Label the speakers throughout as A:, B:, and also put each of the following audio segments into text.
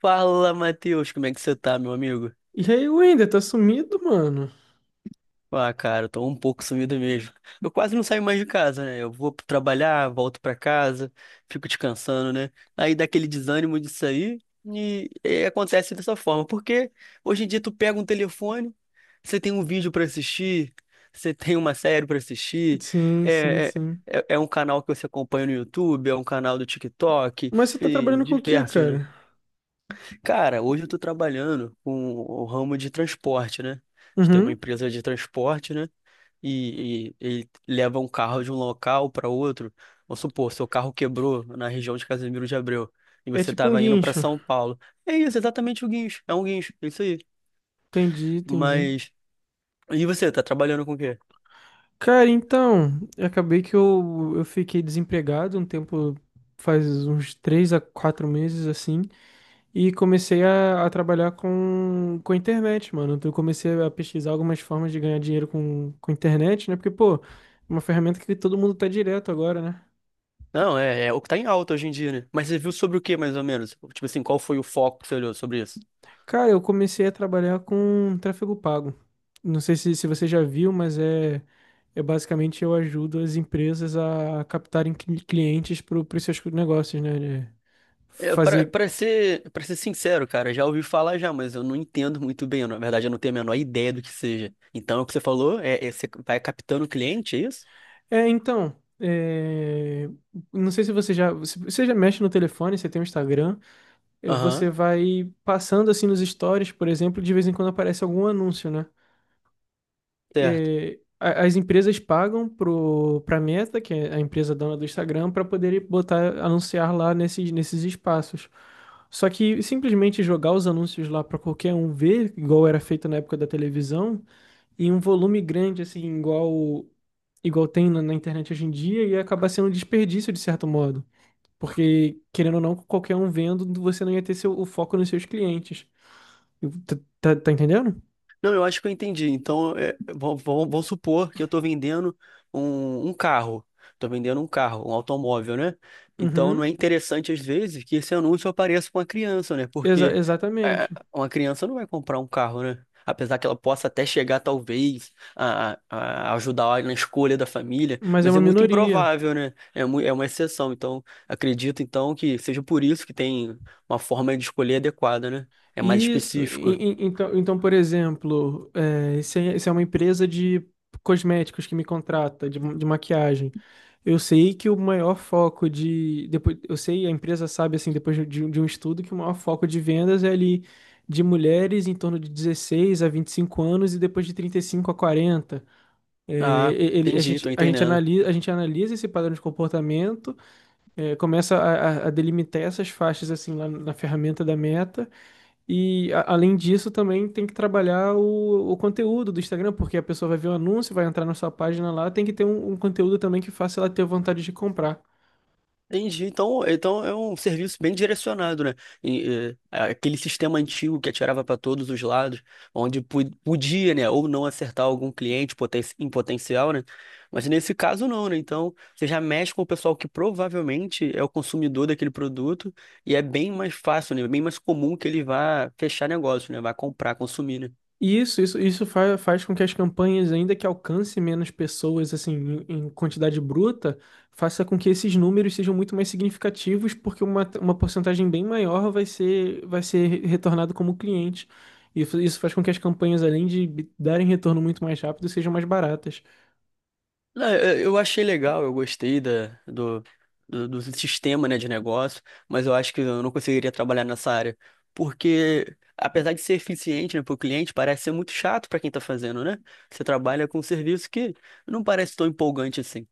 A: Fala, Matheus, como é que você tá, meu amigo?
B: E aí, Wender, tá sumido, mano?
A: Ah, cara, eu tô um pouco sumido mesmo. Eu quase não saio mais de casa, né? Eu vou trabalhar, volto pra casa, fico descansando, né? Aí dá aquele desânimo disso aí e acontece dessa forma. Porque hoje em dia tu pega um telefone, você tem um vídeo pra assistir, você tem uma série pra assistir,
B: Sim, sim,
A: é,
B: sim.
A: é, é um canal que você acompanha no YouTube, é um canal do TikTok
B: Mas você tá
A: e
B: trabalhando com o quê,
A: diversos, né?
B: cara?
A: Cara, hoje eu tô trabalhando com o ramo de transporte, né? A gente tem uma
B: Uhum.
A: empresa de transporte, né? E ele leva um carro de um local para outro. Vamos supor, seu carro quebrou na região de Casimiro de Abreu e
B: É
A: você
B: tipo um
A: estava indo para
B: guincho.
A: São Paulo. É isso, exatamente o guincho. É um guincho, é isso aí.
B: Entendi, entendi.
A: Mas. E você, tá trabalhando com o quê?
B: Cara, então, eu acabei que eu fiquei desempregado um tempo, faz uns três a quatro meses, assim, e comecei a trabalhar com a internet, mano. Então, eu comecei a pesquisar algumas formas de ganhar dinheiro com internet, né? Porque, pô, é uma ferramenta que todo mundo tá direto agora, né?
A: Não, é, é o que tá em alta hoje em dia, né? Mas você viu sobre o quê, mais ou menos? Tipo assim, qual foi o foco que você olhou sobre isso?
B: Cara, eu comecei a trabalhar com tráfego pago. Não sei se você já viu, mas é basicamente eu ajudo as empresas a captarem clientes para os seus negócios, né? De
A: É, para
B: fazer.
A: para ser, para ser sincero, cara, já ouvi falar já, mas eu não entendo muito bem. Na verdade, eu não tenho a menor ideia do que seja. Então, o que você falou é, é você vai captando o cliente, é isso?
B: É, então, é, não sei se você já. Se você já mexe no telefone, você tem o Instagram,
A: Aham,
B: você vai passando assim nos stories, por exemplo, de vez em quando aparece algum anúncio, né?
A: certo.
B: As empresas pagam pra Meta, que é a empresa dona do Instagram, para poderem botar, anunciar lá nesses espaços. Só que simplesmente jogar os anúncios lá para qualquer um ver, igual era feito na época da televisão, em um volume grande, assim, igual igual tem na internet hoje em dia, ia acabar sendo um desperdício de certo modo. Porque, querendo ou não, qualquer um vendo, você não ia ter seu, o foco nos seus clientes. Tá, tá entendendo?
A: Não, eu acho que eu entendi. Então, é, vamos supor que eu estou vendendo um, um carro. Estou vendendo um carro, um automóvel, né? Então, não é
B: Uhum.
A: interessante, às vezes, que esse anúncio apareça com uma criança, né? Porque é,
B: Exatamente.
A: uma criança não vai comprar um carro, né? Apesar que ela possa até chegar, talvez, a, a ajudar na escolha da família,
B: Mas é
A: mas
B: uma
A: é muito
B: minoria.
A: improvável, né? É, é uma exceção. Então, acredito, então, que seja por isso que tem uma forma de escolher adequada, né? É mais
B: Isso.
A: específico.
B: Então, então, por exemplo, é, se é uma empresa de cosméticos que me contrata, de maquiagem, eu sei que o maior foco de. Depois, eu sei, a empresa sabe, assim, depois de um estudo, que o maior foco de vendas é ali de mulheres em torno de 16 a 25 anos e depois de 35 a 40. É,
A: Ah, entendi, tô
B: a gente
A: entendendo.
B: analisa a gente analisa esse padrão de comportamento, é, começa a, a delimitar essas faixas assim lá na ferramenta da Meta. E além disso, também tem que trabalhar o conteúdo do Instagram, porque a pessoa vai ver o anúncio, vai entrar na sua página lá, tem que ter um conteúdo também que faça ela ter vontade de comprar.
A: Entendi. Então, então é um serviço bem direcionado, né? E, é, aquele sistema antigo que atirava para todos os lados, onde podia, né, ou não acertar algum cliente em potencial, né? Mas nesse caso não, né? Então, você já mexe com o pessoal que provavelmente é o consumidor daquele produto e é bem mais fácil, né? Bem mais comum que ele vá fechar negócio, né? Vá comprar, consumir, né?
B: E isso faz, faz com que as campanhas, ainda que alcance menos pessoas, assim, em quantidade bruta, faça com que esses números sejam muito mais significativos, porque uma porcentagem bem maior vai ser retornado como cliente. E isso faz com que as campanhas, além de darem retorno muito mais rápido, sejam mais baratas.
A: Não, eu achei legal, eu gostei da, do, do sistema, né, de negócio, mas eu acho que eu não conseguiria trabalhar nessa área, porque apesar de ser eficiente, né, para o cliente, parece ser muito chato para quem está fazendo, né? Você trabalha com um serviço que não parece tão empolgante assim.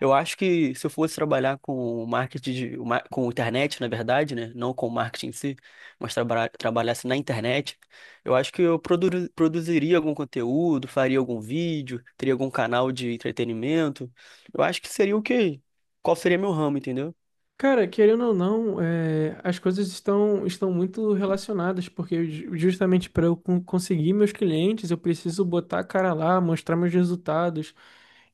A: Eu acho que se eu fosse trabalhar com marketing, de, com internet, na verdade, né, não com marketing em si, mas trabalhasse na internet, eu acho que eu produziria algum conteúdo, faria algum vídeo, teria algum canal de entretenimento. Eu acho que seria o quê? Qual seria meu ramo, entendeu?
B: Cara, querendo ou não, as coisas estão muito relacionadas, porque justamente para eu conseguir meus clientes, eu preciso botar a cara lá, mostrar meus resultados.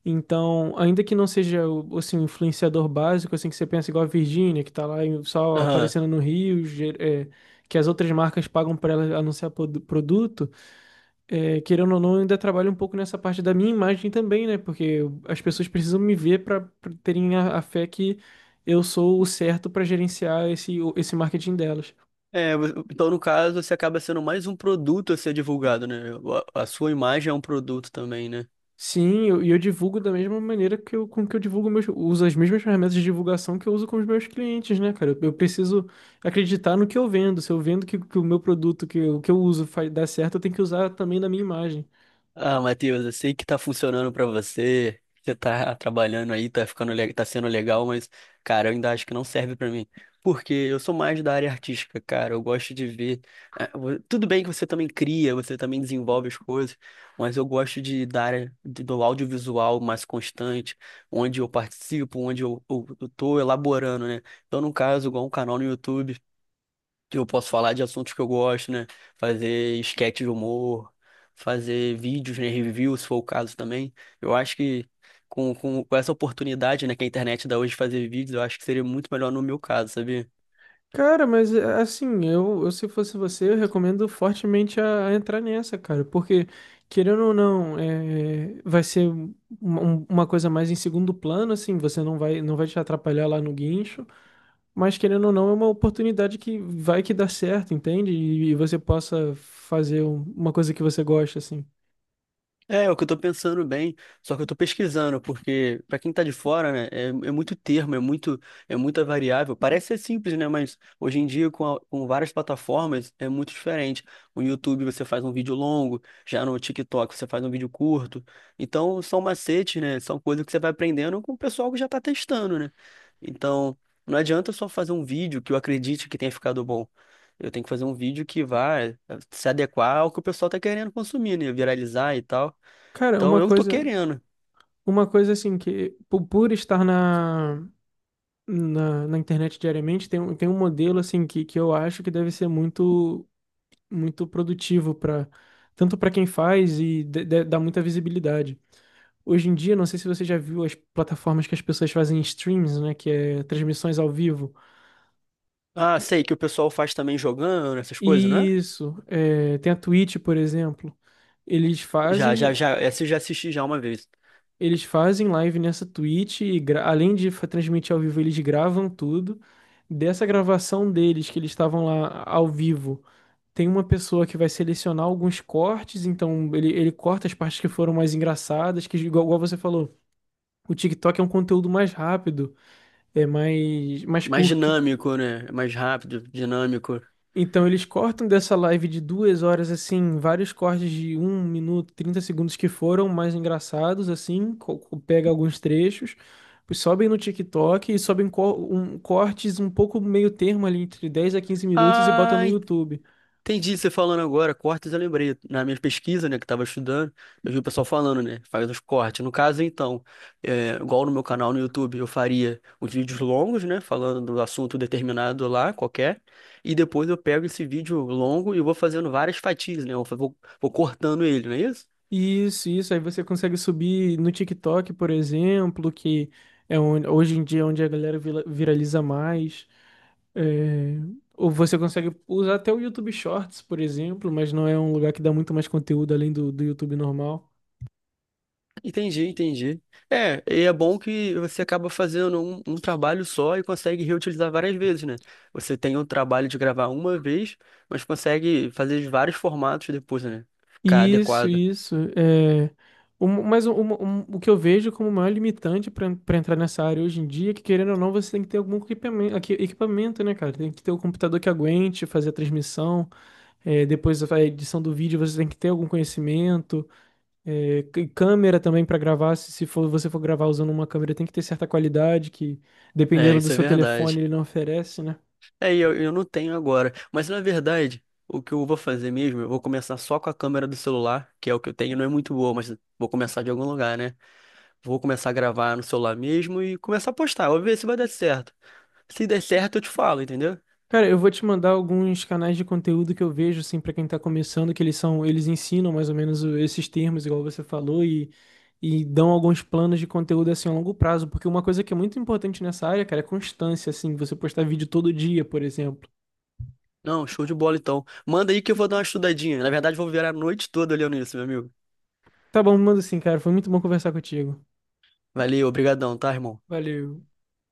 B: Então, ainda que não seja o assim, o influenciador básico, assim que você pensa igual a Virgínia, que tá só
A: Aham.
B: aparecendo no Rio, que as outras marcas pagam para ela anunciar produto, é, querendo ou não, eu ainda trabalho um pouco nessa parte da minha imagem também, né? Porque as pessoas precisam me ver para terem a fé que eu sou o certo para gerenciar esse marketing delas.
A: É, então no caso você acaba sendo mais um produto a ser divulgado, né? A sua imagem é um produto também, né?
B: Sim, eu divulgo da mesma maneira que eu, com que eu divulgo meus, uso as mesmas ferramentas de divulgação que eu uso com os meus clientes, né, cara? Eu preciso acreditar no que eu vendo. Se eu vendo que o meu produto, que, o que eu uso faz, dá certo, eu tenho que usar também na minha imagem.
A: Ah, Matheus, eu sei que tá funcionando pra você, que você tá trabalhando aí, tá ficando, tá sendo legal, mas, cara, eu ainda acho que não serve pra mim. Porque eu sou mais da área artística, cara. Eu gosto de ver. Tudo bem que você também cria, você também desenvolve as coisas, mas eu gosto de da área do audiovisual mais constante, onde eu participo, onde eu tô elaborando, né? Então, no caso, igual um canal no YouTube. Eu posso falar de assuntos que eu gosto, né? Fazer esquete de humor, fazer vídeos, né? Reviews, se for o caso também. Eu acho que com essa oportunidade, né, que a internet dá hoje de fazer vídeos, eu acho que seria muito melhor no meu caso, sabia?
B: Cara, mas é, assim, eu se fosse você, eu recomendo fortemente a entrar nessa, cara, porque, querendo ou não, é, vai ser uma coisa mais em segundo plano, assim, você não vai te atrapalhar lá no guincho, mas querendo ou não, é uma oportunidade que vai que dá certo, entende? E você possa fazer uma coisa que você gosta, assim.
A: É, é o que eu tô pensando bem, só que eu tô pesquisando, porque pra quem tá de fora, né, é, é muito termo, é muito, é muita variável. Parece ser simples, né, mas hoje em dia com, com várias plataformas é muito diferente. No YouTube você faz um vídeo longo, já no TikTok você faz um vídeo curto. Então são macetes, né, são coisas que você vai aprendendo com o pessoal que já tá testando, né? Então não adianta só fazer um vídeo que eu acredite que tenha ficado bom. Eu tenho que fazer um vídeo que vá se adequar ao que o pessoal tá querendo consumir, né? Viralizar e tal.
B: Cara,
A: Então eu tô querendo.
B: uma coisa assim, que por estar na, na internet diariamente, tem um modelo assim que eu acho que deve ser muito produtivo para tanto para quem faz e dá muita visibilidade. Hoje em dia, não sei se você já viu as plataformas que as pessoas fazem streams, né? Que é transmissões ao vivo.
A: Ah, sei que o pessoal faz também jogando, essas coisas, não é?
B: Isso, é, tem a Twitch, por exemplo. Eles
A: Já,
B: fazem,
A: já, já. Essa eu já assisti já uma vez.
B: eles fazem live nessa Twitch e além de transmitir ao vivo, eles gravam tudo. Dessa gravação deles, que eles estavam lá ao vivo, tem uma pessoa que vai selecionar alguns cortes, então ele corta as partes que foram mais engraçadas, que igual, igual você falou, o TikTok é um conteúdo mais rápido, é mais
A: Mais
B: curto.
A: dinâmico, né? Mais rápido, dinâmico.
B: Então eles cortam dessa live de 2 horas, assim, vários cortes de 1 minuto, 30 segundos que foram mais engraçados, assim, pega alguns trechos, sobem no TikTok e sobem cortes um pouco meio termo ali, entre 10 a 15 minutos e botam
A: Ah,
B: no YouTube.
A: entendi você tá falando agora. Cortes eu lembrei. Na minha pesquisa, né, que tava estudando, eu vi o pessoal falando, né? Faz os cortes. No caso, então, é, igual no meu canal no YouTube, eu faria os vídeos longos, né? Falando do assunto determinado lá, qualquer. E depois eu pego esse vídeo longo e vou fazendo várias fatias, né? Eu vou, vou cortando ele, não é isso?
B: Isso, isso. Aí você consegue subir no TikTok, por exemplo, que é onde, hoje em dia é onde a galera viraliza mais. É, ou você consegue usar até o YouTube Shorts, por exemplo, mas não é um lugar que dá muito mais conteúdo além do YouTube normal.
A: Entendi, entendi. É, e é bom que você acaba fazendo um, um trabalho só e consegue reutilizar várias vezes, né? Você tem o trabalho de gravar uma vez, mas consegue fazer de vários formatos depois, né? Ficar
B: Isso,
A: adequado.
B: isso. Um, mas um- um- o que eu vejo como maior limitante para entrar nessa área hoje em dia é que, querendo ou não, você tem que ter algum equipamento, equipamento, né, cara? Tem que ter um computador que aguente fazer a transmissão. É, depois da edição do vídeo você tem que ter algum conhecimento. É, câmera também para gravar, se for, você for gravar usando uma câmera, tem que ter certa qualidade que,
A: É,
B: dependendo do
A: isso é
B: seu
A: verdade.
B: telefone, ele não oferece, né?
A: É, e eu não tenho agora. Mas na verdade, o que eu vou fazer mesmo, eu vou começar só com a câmera do celular, que é o que eu tenho, não é muito boa, mas vou começar de algum lugar, né? Vou começar a gravar no celular mesmo e começar a postar. Vou ver se vai dar certo. Se der certo, eu te falo, entendeu?
B: Cara, eu vou te mandar alguns canais de conteúdo que eu vejo, assim, para quem tá começando, que eles são, eles ensinam mais ou menos esses termos, igual você falou, e dão alguns planos de conteúdo, assim, a longo prazo, porque uma coisa que é muito importante nessa área, cara, é constância, assim, você postar vídeo todo dia, por exemplo.
A: Não, show de bola então. Manda aí que eu vou dar uma estudadinha. Na verdade, vou virar a noite toda olhando isso, meu amigo.
B: Tá bom, manda assim, cara, foi muito bom conversar contigo.
A: Valeu, obrigadão, tá, irmão?
B: Valeu.